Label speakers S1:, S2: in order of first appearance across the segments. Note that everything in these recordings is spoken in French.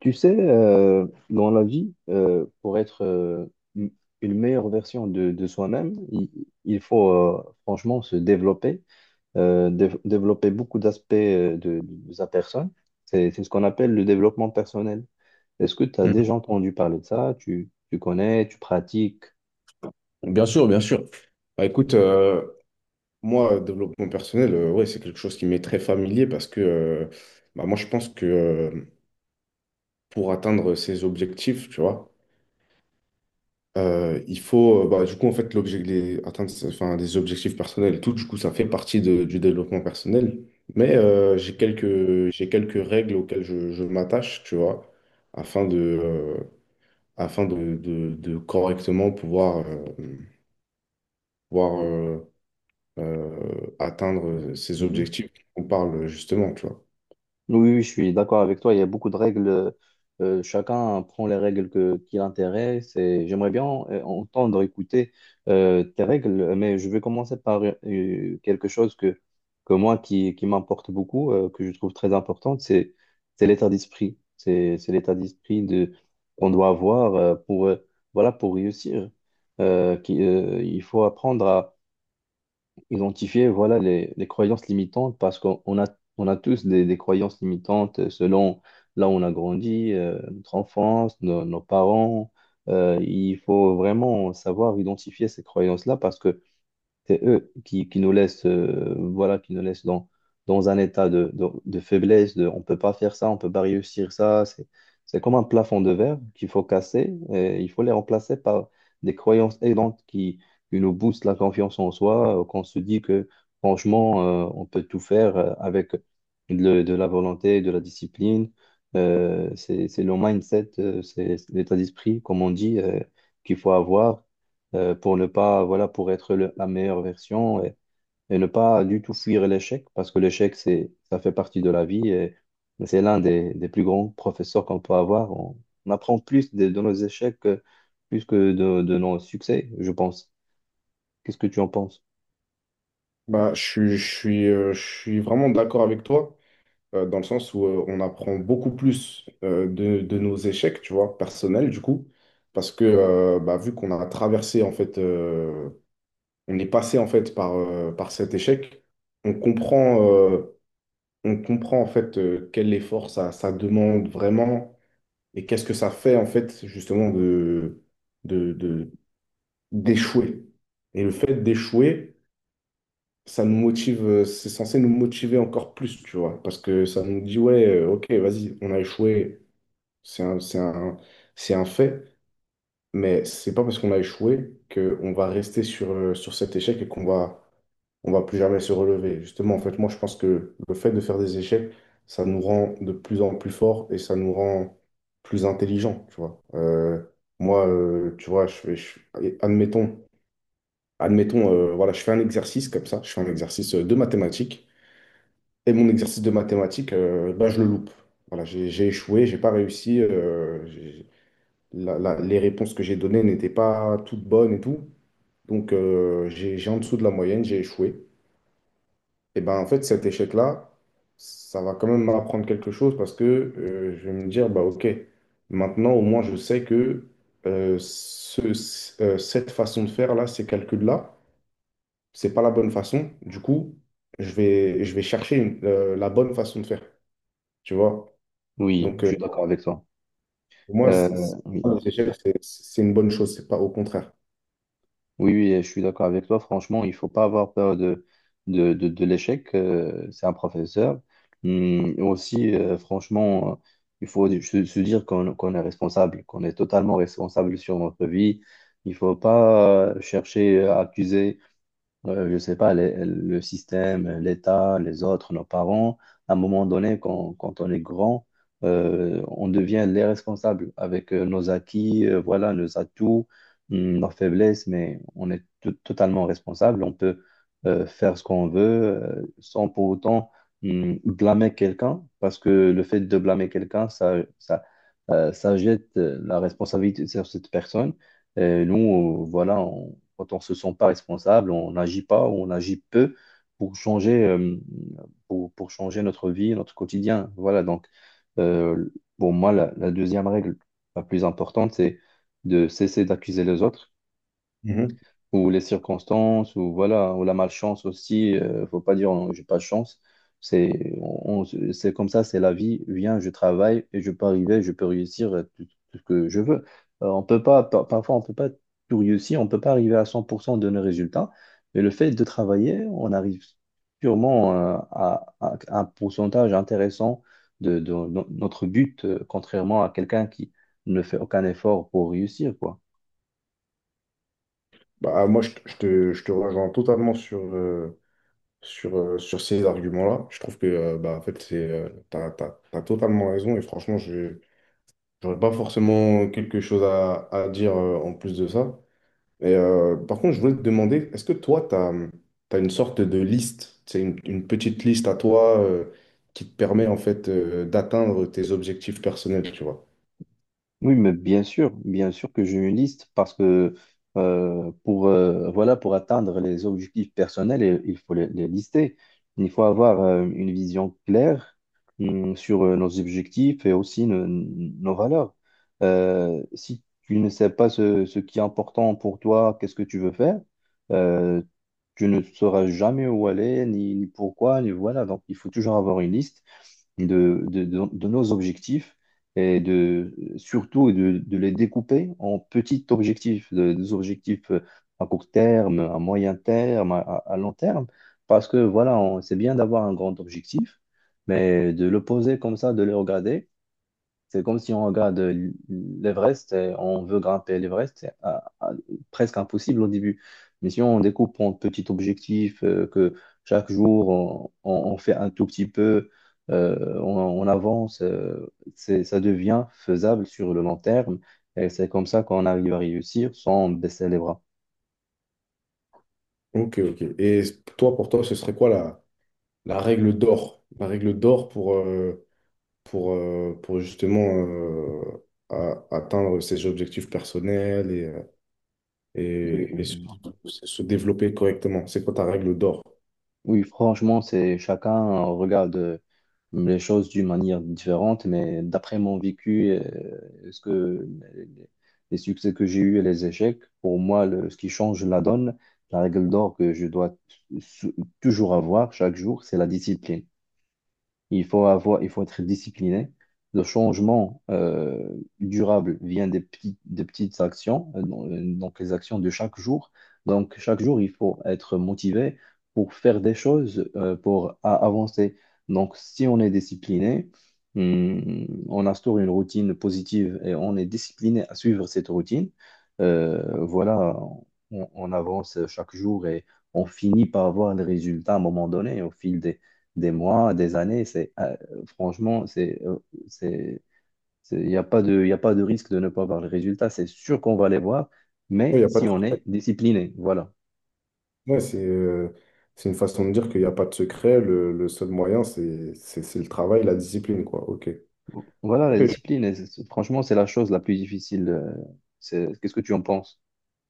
S1: Tu sais, dans la vie, pour être une une meilleure version de soi-même, il faut franchement se développer, développer beaucoup d'aspects de sa personne. C'est ce qu'on appelle le développement personnel. Est-ce que tu as déjà
S2: Mhm.
S1: entendu parler de ça? Tu connais, tu pratiques?
S2: Bien sûr, bien sûr. Écoute, moi, développement personnel, ouais, c'est quelque chose qui m'est très familier parce que bah, moi, je pense que pour atteindre ses objectifs, tu vois, il faut, bah, du coup, en fait, atteindre enfin, des objectifs personnels et tout, du coup, ça fait partie du développement personnel. Mais j'ai quelques règles auxquelles je m'attache, tu vois, afin de, euh, de correctement pouvoir, pouvoir atteindre ces objectifs dont on parle justement, tu vois.
S1: Oui, oui, je suis d'accord avec toi. Il y a beaucoup de règles. Chacun prend les règles qui l'intéressent. Et j'aimerais bien entendre, écouter tes règles, mais je vais commencer par quelque chose que moi qui m'importe beaucoup, que je trouve très importante, c'est l'état d'esprit. C'est l'état d'esprit qu'on doit avoir pour, voilà, pour réussir. Il faut apprendre identifier voilà, les croyances limitantes parce qu'on on a tous des croyances limitantes selon là où on a grandi, notre enfance, nos, nos parents. Il faut vraiment savoir identifier ces croyances-là parce que c'est eux qui nous laissent, voilà, qui nous laissent dans, dans un état de faiblesse, de on peut pas faire ça, on peut pas réussir ça. C'est comme un plafond de verre qu'il faut casser et il faut les remplacer par des croyances aidantes qui nous boostent la confiance en soi, qu'on se dit que franchement, on peut tout faire avec de la volonté, de la discipline. C'est le mindset, c'est l'état d'esprit, comme on dit, qu'il faut avoir pour ne pas, voilà, pour être la meilleure version et ne pas du tout fuir l'échec, parce que l'échec, c'est, ça fait partie de la vie et c'est l'un des plus grands professeurs qu'on peut avoir. On apprend plus de nos échecs plus que de nos succès, je pense. Qu'est-ce que tu en penses?
S2: Bah, je suis vraiment d'accord avec toi, dans le sens où on apprend beaucoup plus de nos échecs, tu vois, personnels, du coup, parce que bah, vu qu'on a traversé, en fait, on est passé, en fait, par cet échec, on comprend, euh, on comprend en fait quel effort ça, ça demande vraiment et qu'est-ce que ça fait en fait justement de, de- d'échouer. Et le fait d'échouer, ça nous motive, c'est censé nous motiver encore plus, tu vois, parce que ça nous dit, ouais, ok, vas-y, on a échoué, c'est un, c'est un, c'est un fait, mais c'est pas parce qu'on a échoué qu'on va rester sur, sur cet échec et qu'on va on va plus jamais se relever. Justement, en fait, moi, je pense que le fait de faire des échecs, ça nous rend de plus en plus forts et ça nous rend plus intelligents, tu vois. Moi, tu vois, admettons, admettons, voilà, je fais un exercice comme ça, je fais un exercice de mathématiques et mon exercice de mathématiques, ben, je le loupe. Voilà, j'ai échoué, j'ai pas réussi, les réponses que j'ai données n'étaient pas toutes bonnes et tout. Donc, j'ai en dessous de la moyenne, j'ai échoué. Et ben en fait, cet échec-là, ça va quand même m'apprendre quelque chose parce que je vais me dire, bah ok, maintenant au moins je sais que cette façon de faire là, ces calculs-là, c'est pas la bonne façon. Du coup, je vais chercher la bonne façon de faire, tu vois.
S1: Oui,
S2: Donc
S1: je
S2: euh,
S1: suis d'accord avec toi.
S2: pour moi,
S1: Euh, oui.
S2: les échecs, c'est une bonne chose, c'est pas au contraire.
S1: Oui, oui, je suis d'accord avec toi. Franchement, il faut pas avoir peur de l'échec. C'est un professeur. Aussi, franchement, il faut se dire qu'on est responsable, qu'on est totalement responsable sur notre vie. Il faut pas chercher à accuser je sais pas, le système, l'État, les autres, nos parents, à un moment donné, quand on est grand, on devient les responsables avec nos acquis, voilà, nos atouts, nos faiblesses, mais on est totalement responsable. On peut faire ce qu'on veut sans pour autant blâmer quelqu'un, parce que le fait de blâmer quelqu'un, ça jette la responsabilité sur cette personne. Et nous, voilà, quand on ne se sent pas responsable, on n'agit pas ou on agit peu pour changer, pour changer notre vie, notre quotidien. Voilà, donc, euh, pour moi, la deuxième règle la plus importante, c'est de cesser d'accuser les autres
S2: Mhm.
S1: ou les circonstances, ou voilà, ou la malchance aussi. Faut pas dire non, j'ai pas de chance. C'est c'est comme ça, c'est la vie. Viens, je travaille et je peux arriver, je peux réussir tout, tout ce que je veux. On peut pas, parfois, on peut pas tout réussir, on peut pas arriver à 100% de nos résultats. Mais le fait de travailler, on arrive sûrement à un pourcentage intéressant de no- notre but, contrairement à quelqu'un qui ne fait aucun effort pour réussir, quoi.
S2: Bah, moi, je, te, je te je te rejoins totalement sur ces arguments-là. Je trouve que bah, en fait, c'est, t'as totalement raison et franchement, je n'aurais pas forcément quelque chose à dire en plus de ça. Et, par contre, je voulais te demander, est-ce que toi, tu as, une sorte de liste, c'est une petite liste à toi qui te permet en fait d'atteindre tes objectifs personnels, tu vois?
S1: Oui, mais bien sûr que j'ai une liste parce que voilà, pour atteindre les objectifs personnels, il faut les lister. Il faut avoir une vision claire sur nos objectifs et aussi nos, nos valeurs. Si tu ne sais pas ce qui est important pour toi, qu'est-ce que tu veux faire, euh, tu ne sauras jamais où aller, ni, ni pourquoi, ni voilà. Donc, il faut toujours avoir une liste de nos objectifs et de les découper en petits objectifs, des objectifs à court terme, à moyen terme, à long terme, parce que voilà, c'est bien d'avoir un grand objectif, mais de le poser comme ça, de le regarder. C'est comme si on regarde l'Everest et on veut grimper l'Everest, c'est presque impossible au début. Mais si on découpe en petits objectifs, que chaque jour on fait un tout petit peu, euh, on, on avance, ça devient faisable sur le long terme. Et c'est comme ça qu'on arrive à réussir sans baisser les bras.
S2: Ok, ok. Et toi, pour toi, ce serait quoi la règle d'or? La règle d'or pour, pour justement atteindre ses objectifs personnels et et
S1: Oui.
S2: se développer correctement. C'est quoi ta règle d'or?
S1: Oui, franchement, c'est chacun regarde les choses d'une manière différente, mais d'après mon vécu, ce que les les succès que j'ai eus et les échecs, pour moi, ce qui change la donne, la règle d'or que je dois sou- toujours avoir chaque jour, c'est la discipline. Il faut être discipliné. Le changement durable vient des petites actions, donc les actions de chaque jour. Donc chaque jour, il faut être motivé pour faire des choses, avancer. Donc si on est discipliné, on instaure une routine positive et on est discipliné à suivre cette routine, voilà, on avance chaque jour et on finit par avoir des résultats à un moment donné au fil des mois, des années. C'est, franchement, c'est, il n'y a pas de, y a pas de risque de ne pas voir les résultats. C'est sûr qu'on va les voir,
S2: Il
S1: mais
S2: y a pas de...
S1: si on est discipliné, voilà.
S2: ouais, c'est c'est une façon de dire qu'il n'y a pas de secret. Le seul moyen, c'est le travail, la discipline, quoi. OK.
S1: Voilà, la
S2: Ok.
S1: discipline, et franchement, c'est la chose la plus difficile. Qu'est-ce que tu en penses?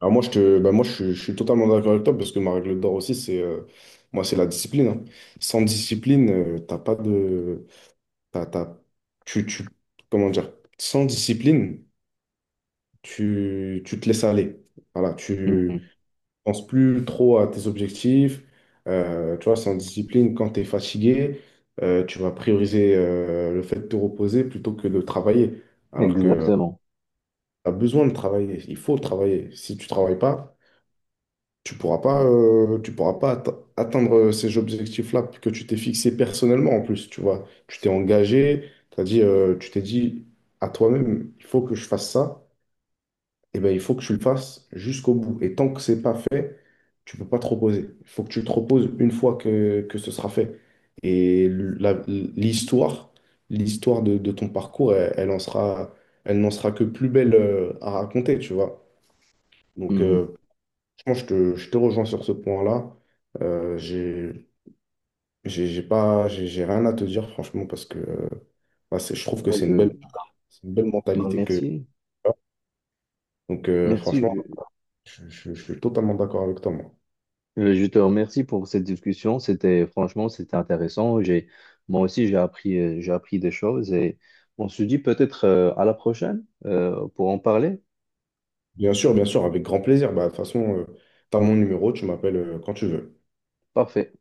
S2: Alors moi, je te, bah moi, je suis totalement d'accord avec toi parce que ma règle d'or aussi, c'est moi, c'est la discipline. Hein. Sans discipline, t'as pas de, t'as, t'as- tu, tu, comment dire, sans discipline, tu te laisses aller. Voilà, tu
S1: Mhm.
S2: penses plus trop à tes objectifs. Tu vois, sans discipline, quand tu es fatigué, tu vas prioriser le fait de te reposer plutôt que de travailler. Alors que
S1: Exactement.
S2: tu as besoin de travailler, il faut travailler. Si tu travailles pas, tu pourras pas atteindre ces objectifs-là que tu t'es fixé personnellement en plus. Tu vois, tu t'es engagé, tu t'es dit à toi-même, il faut que je fasse ça. Eh ben, il faut que tu le fasses jusqu'au bout. Et tant que c'est pas fait, tu peux pas te reposer. Il faut que tu te reposes une fois que ce sera fait. Et l'histoire de ton parcours, elle n'en sera que plus belle à raconter, tu vois. Donc,
S1: Mhm.
S2: franchement, je te rejoins sur ce point-là. Euh, j'ai, j'ai pas, j'ai rien à te dire, franchement, parce que bah, je trouve que
S1: Bah, je...
S2: c'est une belle
S1: Bah,
S2: mentalité que.
S1: merci.
S2: Donc,
S1: Merci.
S2: franchement, je suis totalement d'accord avec toi, moi.
S1: Je te remercie pour cette discussion. C'était Franchement, c'était intéressant. Moi aussi, j'ai appris des choses et on se dit peut-être à la prochaine pour en parler.
S2: Bien sûr, avec grand plaisir. Bah, de toute façon, tu as mon numéro, tu m'appelles quand tu veux.
S1: Parfait.